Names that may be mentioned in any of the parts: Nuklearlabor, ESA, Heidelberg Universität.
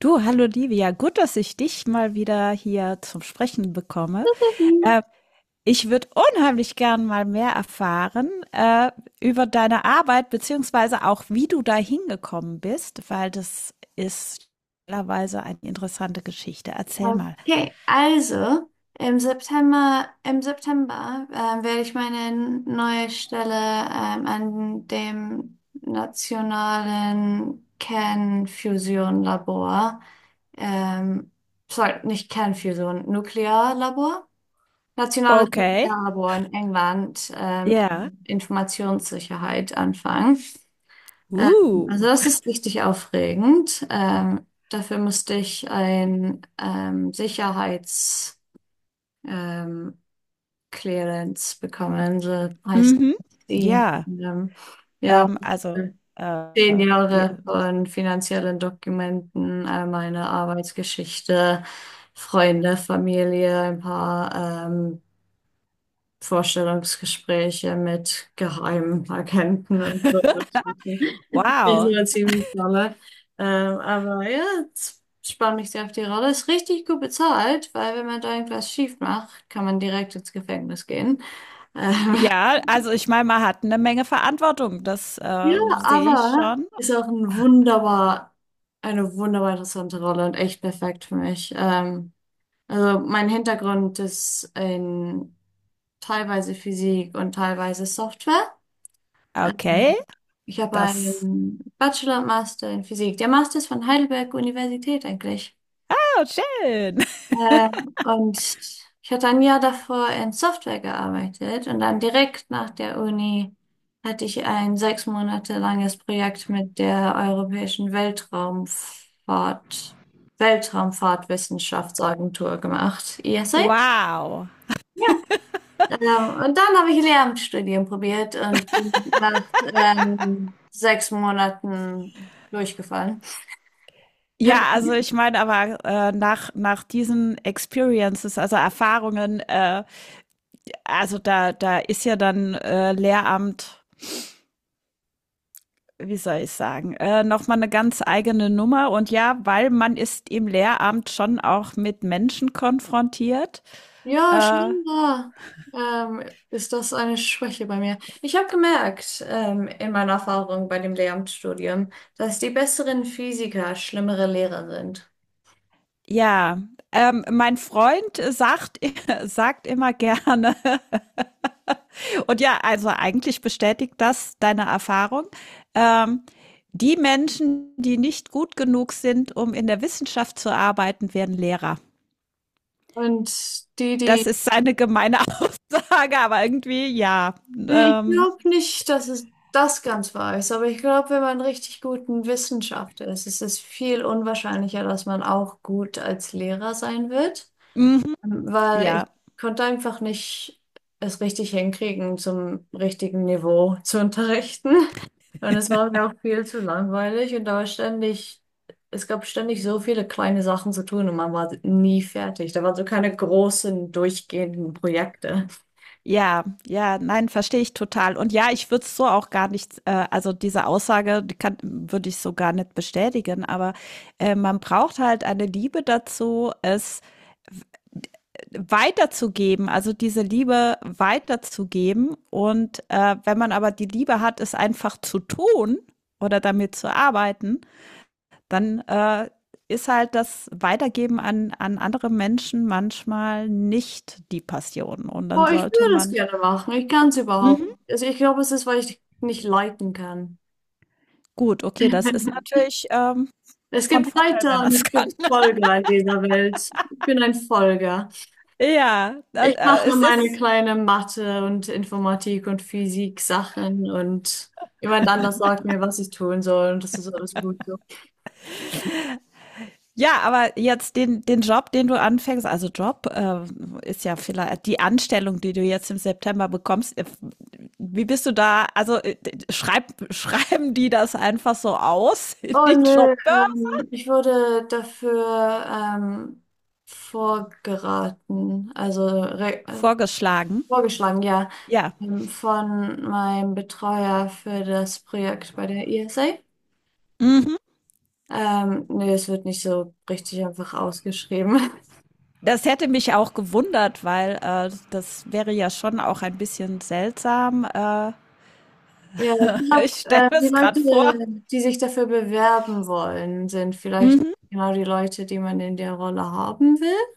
Du, hallo Livia, gut, dass ich dich mal wieder hier zum Sprechen bekomme. Äh, Ich würde unheimlich gern mal mehr erfahren über deine Arbeit, beziehungsweise auch, wie du da hingekommen bist, weil das ist mittlerweile eine interessante Geschichte. Erzähl mal. Okay, also im September werde ich meine neue Stelle an dem nationalen Kernfusion-Labor, ähm, sorry, nicht Kernfusion, Nuklearlabor, nationales Okay. Nuklearlabor in England, Ja. Informationssicherheit anfangen. Ähm, also Uh. das ist richtig aufregend. Dafür musste ich ein Sicherheits ähm, Clearance bekommen, so heißt Mhm. die. Ja. Ja, Ähm, also, äh, zehn wir, Jahre von finanziellen Dokumenten, meine Arbeitsgeschichte, Freunde, Familie, ein paar Vorstellungsgespräche mit Geheimagenten und so. Das wow. war ziemlich dolle. Aber ja, jetzt spann mich sehr auf die Rolle. Ist richtig gut bezahlt, weil wenn man da irgendwas schief macht, kann man direkt ins Gefängnis gehen. Ähm, Ja, also ich meine, man hat eine Menge Verantwortung, das ja, sehe ich aber schon. ist auch ein wunderbar, eine wunderbar interessante Rolle und echt perfekt für mich. Also mein Hintergrund ist in teilweise Physik und teilweise Software. Okay, Ähm, Ich habe das. einen Bachelor und Master in Physik. Der Master ist von Heidelberg Universität eigentlich. Oh, schön. Und ich hatte ein Jahr davor in Software gearbeitet und dann direkt nach der Uni hatte ich ein 6 Monate langes Projekt mit der Europäischen Weltraumfahrt, Weltraumfahrtwissenschaftsagentur gemacht, ESA. Wow. Ja, ähm, und dann habe ich Lehramtsstudien probiert und bin nach 6 Monaten durchgefallen. Ja, also ich meine aber nach, nach diesen Experiences, also Erfahrungen, also da, da ist ja dann Lehramt, wie soll ich sagen, nochmal eine ganz eigene Nummer. Und ja, weil man ist im Lehramt schon auch mit Menschen konfrontiert. Ja, Äh, scheinbar ähm, ist das eine Schwäche bei mir. Ich habe gemerkt, in meiner Erfahrung bei dem Lehramtsstudium, dass die besseren Physiker schlimmere Lehrer sind. ja, Mein Freund sagt, sagt immer gerne, und ja, also eigentlich bestätigt das deine Erfahrung. Ähm, Die Menschen, die nicht gut genug sind, um in der Wissenschaft zu arbeiten, werden Lehrer. Und die, Das die, ist eine gemeine Aussage, aber irgendwie ja. ich Ähm, glaube nicht, dass es das ganz wahr ist, aber ich glaube, wenn man richtig gut in Wissenschaft ist, ist es viel unwahrscheinlicher, dass man auch gut als Lehrer sein wird. mhm, Weil ja, ich konnte einfach nicht es richtig hinkriegen, zum richtigen Niveau zu unterrichten. Und es war mir auch viel zu langweilig und da war ständig, es gab ständig so viele kleine Sachen zu tun und man war nie fertig. Da waren so keine großen, durchgehenden Projekte. ja, ja, nein, verstehe ich total. Und ja, ich würde es so auch gar nicht, also diese Aussage die kann, würde ich so gar nicht bestätigen, aber man braucht halt eine Liebe dazu, es weiterzugeben, also diese Liebe weiterzugeben. Und wenn man aber die Liebe hat, es einfach zu tun oder damit zu arbeiten, dann ist halt das Weitergeben an, an andere Menschen manchmal nicht die Passion. Und dann Boah, ich sollte würde es man, gerne machen. Ich kann es überhaupt mhm. nicht. Also ich glaube, es ist, weil ich nicht leiten kann. Gut, okay, das ist natürlich Es von gibt Vorteil, wenn Leiter man und es es kann. gibt Folger in dieser Welt. Ich bin ein Folger. Ja, das, Ich mache es meine ist. kleine Mathe und Informatik und Physik Sachen und jemand anders sagt mir, was ich tun soll und das ist alles gut so. Ja, aber jetzt den, den Job, den du anfängst, also Job ist ja vielleicht die Anstellung, die du jetzt im September bekommst. Wie bist du da? Also schreib, schreiben die das einfach so aus in Oh die nö, Jobbörse? Ich wurde dafür vorgeraten, also re Vorgeschlagen. vorgeschlagen, ja, Ja. Von meinem Betreuer für das Projekt bei der ESA. Mhm. Nee, es wird nicht so richtig einfach ausgeschrieben. Das hätte mich auch gewundert, weil das wäre ja schon auch ein bisschen seltsam. Ja, ich glaube, ich stelle mir die es gerade Leute, vor. die sich dafür bewerben wollen, sind vielleicht Mhm. genau die Leute, die man in der Rolle haben will.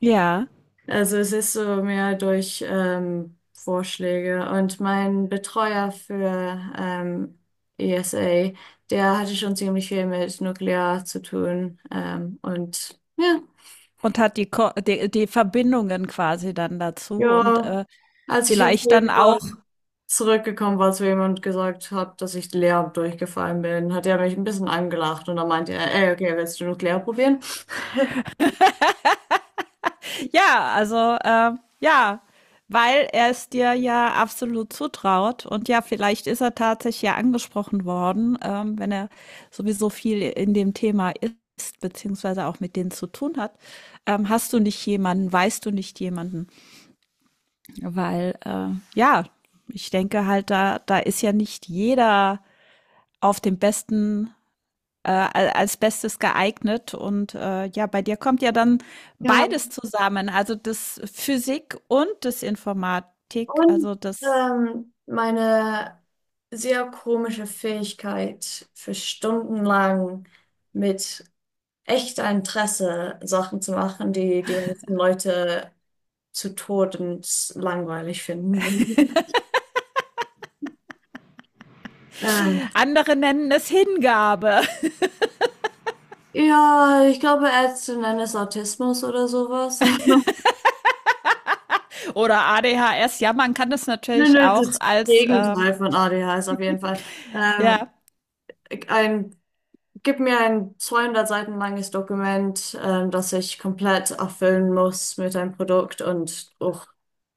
Ja. Also es ist so mehr durch Vorschläge. Und mein Betreuer für ESA, der hatte schon ziemlich viel mit Nuklear zu tun. Und ja, Und hat die, Ko die, die Verbindungen quasi dann dazu und ja, als ich im vielleicht dann Februar auch, zurückgekommen war zu ihm und gesagt habe, dass ich Lehramt durchgefallen bin, hat er mich ein bisschen angelacht und dann meinte er, ey, okay, willst du Nuklear probieren? ja, also äh, ja, weil er es dir ja absolut zutraut und ja, vielleicht ist er tatsächlich ja angesprochen worden, wenn er sowieso viel in dem Thema ist, beziehungsweise auch mit denen zu tun hat. Hast du nicht jemanden, weißt du nicht jemanden? Weil ja, ich denke halt, da, da ist ja nicht jeder auf dem besten als Bestes geeignet. Und ja, bei dir kommt ja dann Ja. beides zusammen, also das Physik und das Informatik, Und also das meine sehr komische Fähigkeit, für stundenlang mit echter Interesse Sachen zu machen, die die meisten Leute zu Tode langweilig finden würden. Ähm, andere nennen es Hingabe ja, ich glaube, Ärzte nennen es Autismus oder sowas. oder ADHS. Ja, man kann das Nö, natürlich nö, auch das als Gegenteil von ADHS auf jeden Fall. Ähm, ja, ein Gib mir ein 200 Seiten langes Dokument, das ich komplett erfüllen muss mit einem Produkt und uch,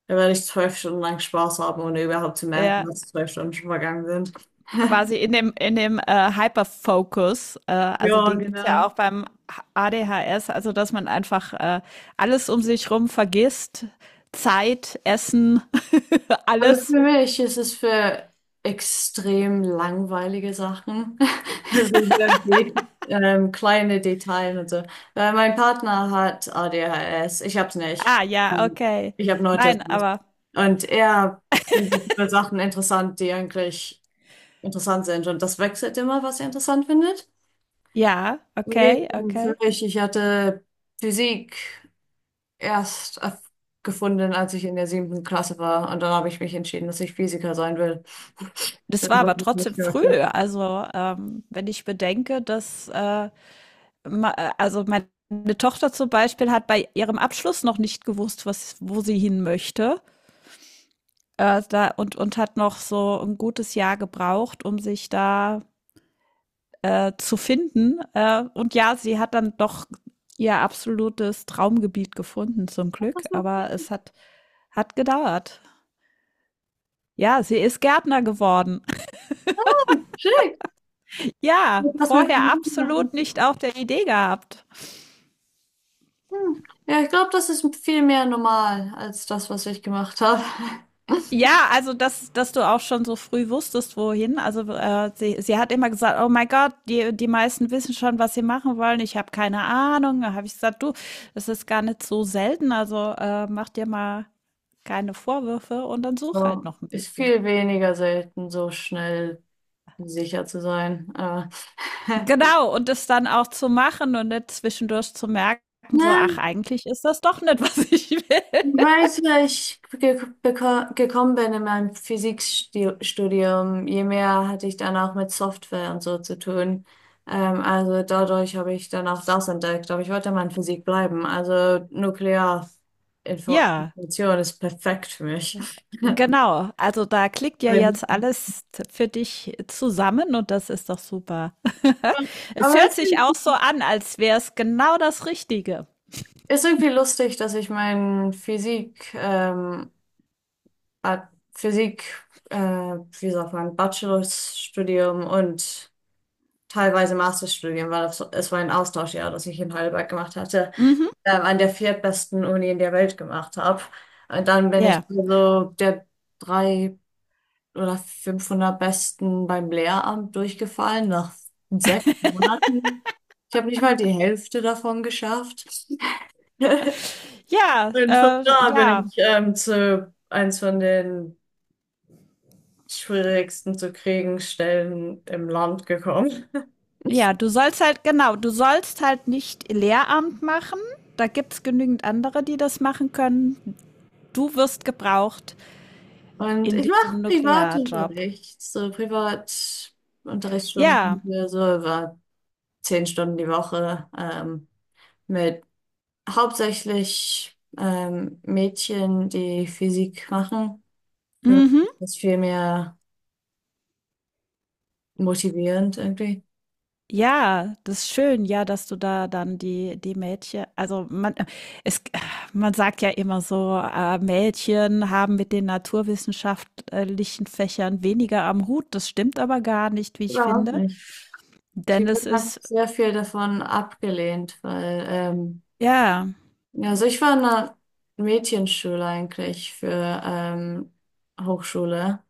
da werde ich 12 Stunden lang Spaß haben, ohne überhaupt zu merken, ja, dass 12 Stunden schon vergangen sind. quasi in dem Hyperfocus, also Ja, den gibt's genau. ja auch beim ADHS, also dass man einfach alles um sich rum vergisst, Zeit, Essen, Also alles. für mich ist es für extrem langweilige Sachen, also sehr de kleine Details und so. Weil mein Partner hat ADHS, ich hab's nicht. Ah, ja, Ähm, okay. Ich habe Nein, Autismus. aber Und er findet nur Sachen interessant, die eigentlich interessant sind. Und das wechselt immer, was er interessant findet. ja, okay, Hingegen für okay. mich, ich hatte Physik erst erf- gefunden, als ich in der siebten Klasse war. Und dann habe ich mich entschieden, dass ich Physiker sein will. Das war Dann aber wollte ich trotzdem nicht mehr. früh. Was Also, wenn ich bedenke, dass, also meine Tochter zum Beispiel hat bei ihrem Abschluss noch nicht gewusst, was, wo sie hin möchte. Da, und hat noch so ein gutes Jahr gebraucht, um sich da zu finden. Und ja, sie hat dann doch ihr absolutes Traumgebiet gefunden, zum Glück. machst. Aber es hat, hat gedauert. Ja, sie ist Gärtner geworden. Hm, schick. Ja, Was mit vorher mir absolut machen? nicht auf der Idee gehabt. Hm. Ja, ich glaube, das ist viel mehr normal als das, was ich gemacht habe. Ja, also dass, dass du auch schon so früh wusstest, wohin. Also sie, sie hat immer gesagt, oh mein Gott, die, die meisten wissen schon, was sie machen wollen. Ich habe keine Ahnung. Da habe ich gesagt, du, das ist gar nicht so selten. Also mach dir mal keine Vorwürfe und dann such halt So, noch ein ist bisschen. viel weniger selten, so schnell sicher zu sein. Aber Genau, und das dann auch zu machen und nicht zwischendurch zu merken, so, na, ach, eigentlich ist das doch nicht, was ich will. weißt du, ich gekommen bin in meinem Physikstudium, je mehr hatte ich dann auch mit Software und so zu tun. Also dadurch habe ich dann auch das entdeckt, aber ich wollte mal in Physik bleiben. Also Ja. Nuklearinformation ist perfekt für mich. Genau, also da klickt ja Weil- jetzt alles für dich zusammen und das ist doch super. Es Aber es hört sich auch so an, als wäre es genau das Richtige. ist irgendwie lustig, dass ich mein Physik, Ad- Physik, wie sagt man, Bachelorstudium und teilweise Masterstudium, weil das, es war ein Austauschjahr, das ich in Heidelberg gemacht hatte, Mhm. An der viertbesten Uni in der Welt gemacht habe. Und dann bin ich Ja. so der drei oder 500 Besten beim Lehramt durchgefallen nach 6 Monaten. Ich habe nicht mal die Hälfte davon geschafft. Ja, Und von da bin ja, ich zu eins von den schwierigsten zu kriegen Stellen im Land gekommen. ja, du sollst halt, genau, du sollst halt nicht Lehramt machen. Da gibt's genügend andere, die das machen können. Du wirst gebraucht Und in ich mache diesem Nuklearjob. Privatunterricht, so Privatunterrichtsstunden Ja. für so über 10 Stunden die Woche mit hauptsächlich Mädchen, die Physik machen. Für mich Mhm. ist das viel mehr motivierend irgendwie. Ja, das ist schön, ja, dass du da dann die die Mädchen also, man es man sagt ja immer so, Mädchen haben mit den naturwissenschaftlichen Fächern weniger am Hut. Das stimmt aber gar nicht, wie ich Überhaupt finde, nicht. denn Sie wird es einfach ist sehr viel davon abgelehnt, weil ja, Ja, also ich war in einer Mädchenschule eigentlich für ähm, Hochschule.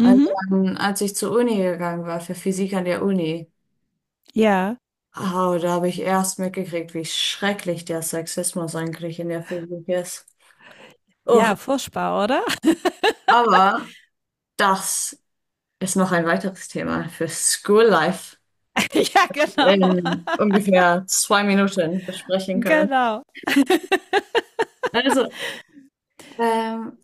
Und dann, als ich zur Uni gegangen war, für Physik an der Uni, ja, oh, da habe ich erst mitgekriegt, wie schrecklich der Sexismus eigentlich in der Physik ist. Oh, ja, furchtbar, oder? aber das ist noch ein weiteres Thema für School Life Ja, genau, in ungefähr 2 Minuten besprechen können. genau. Also, ähm,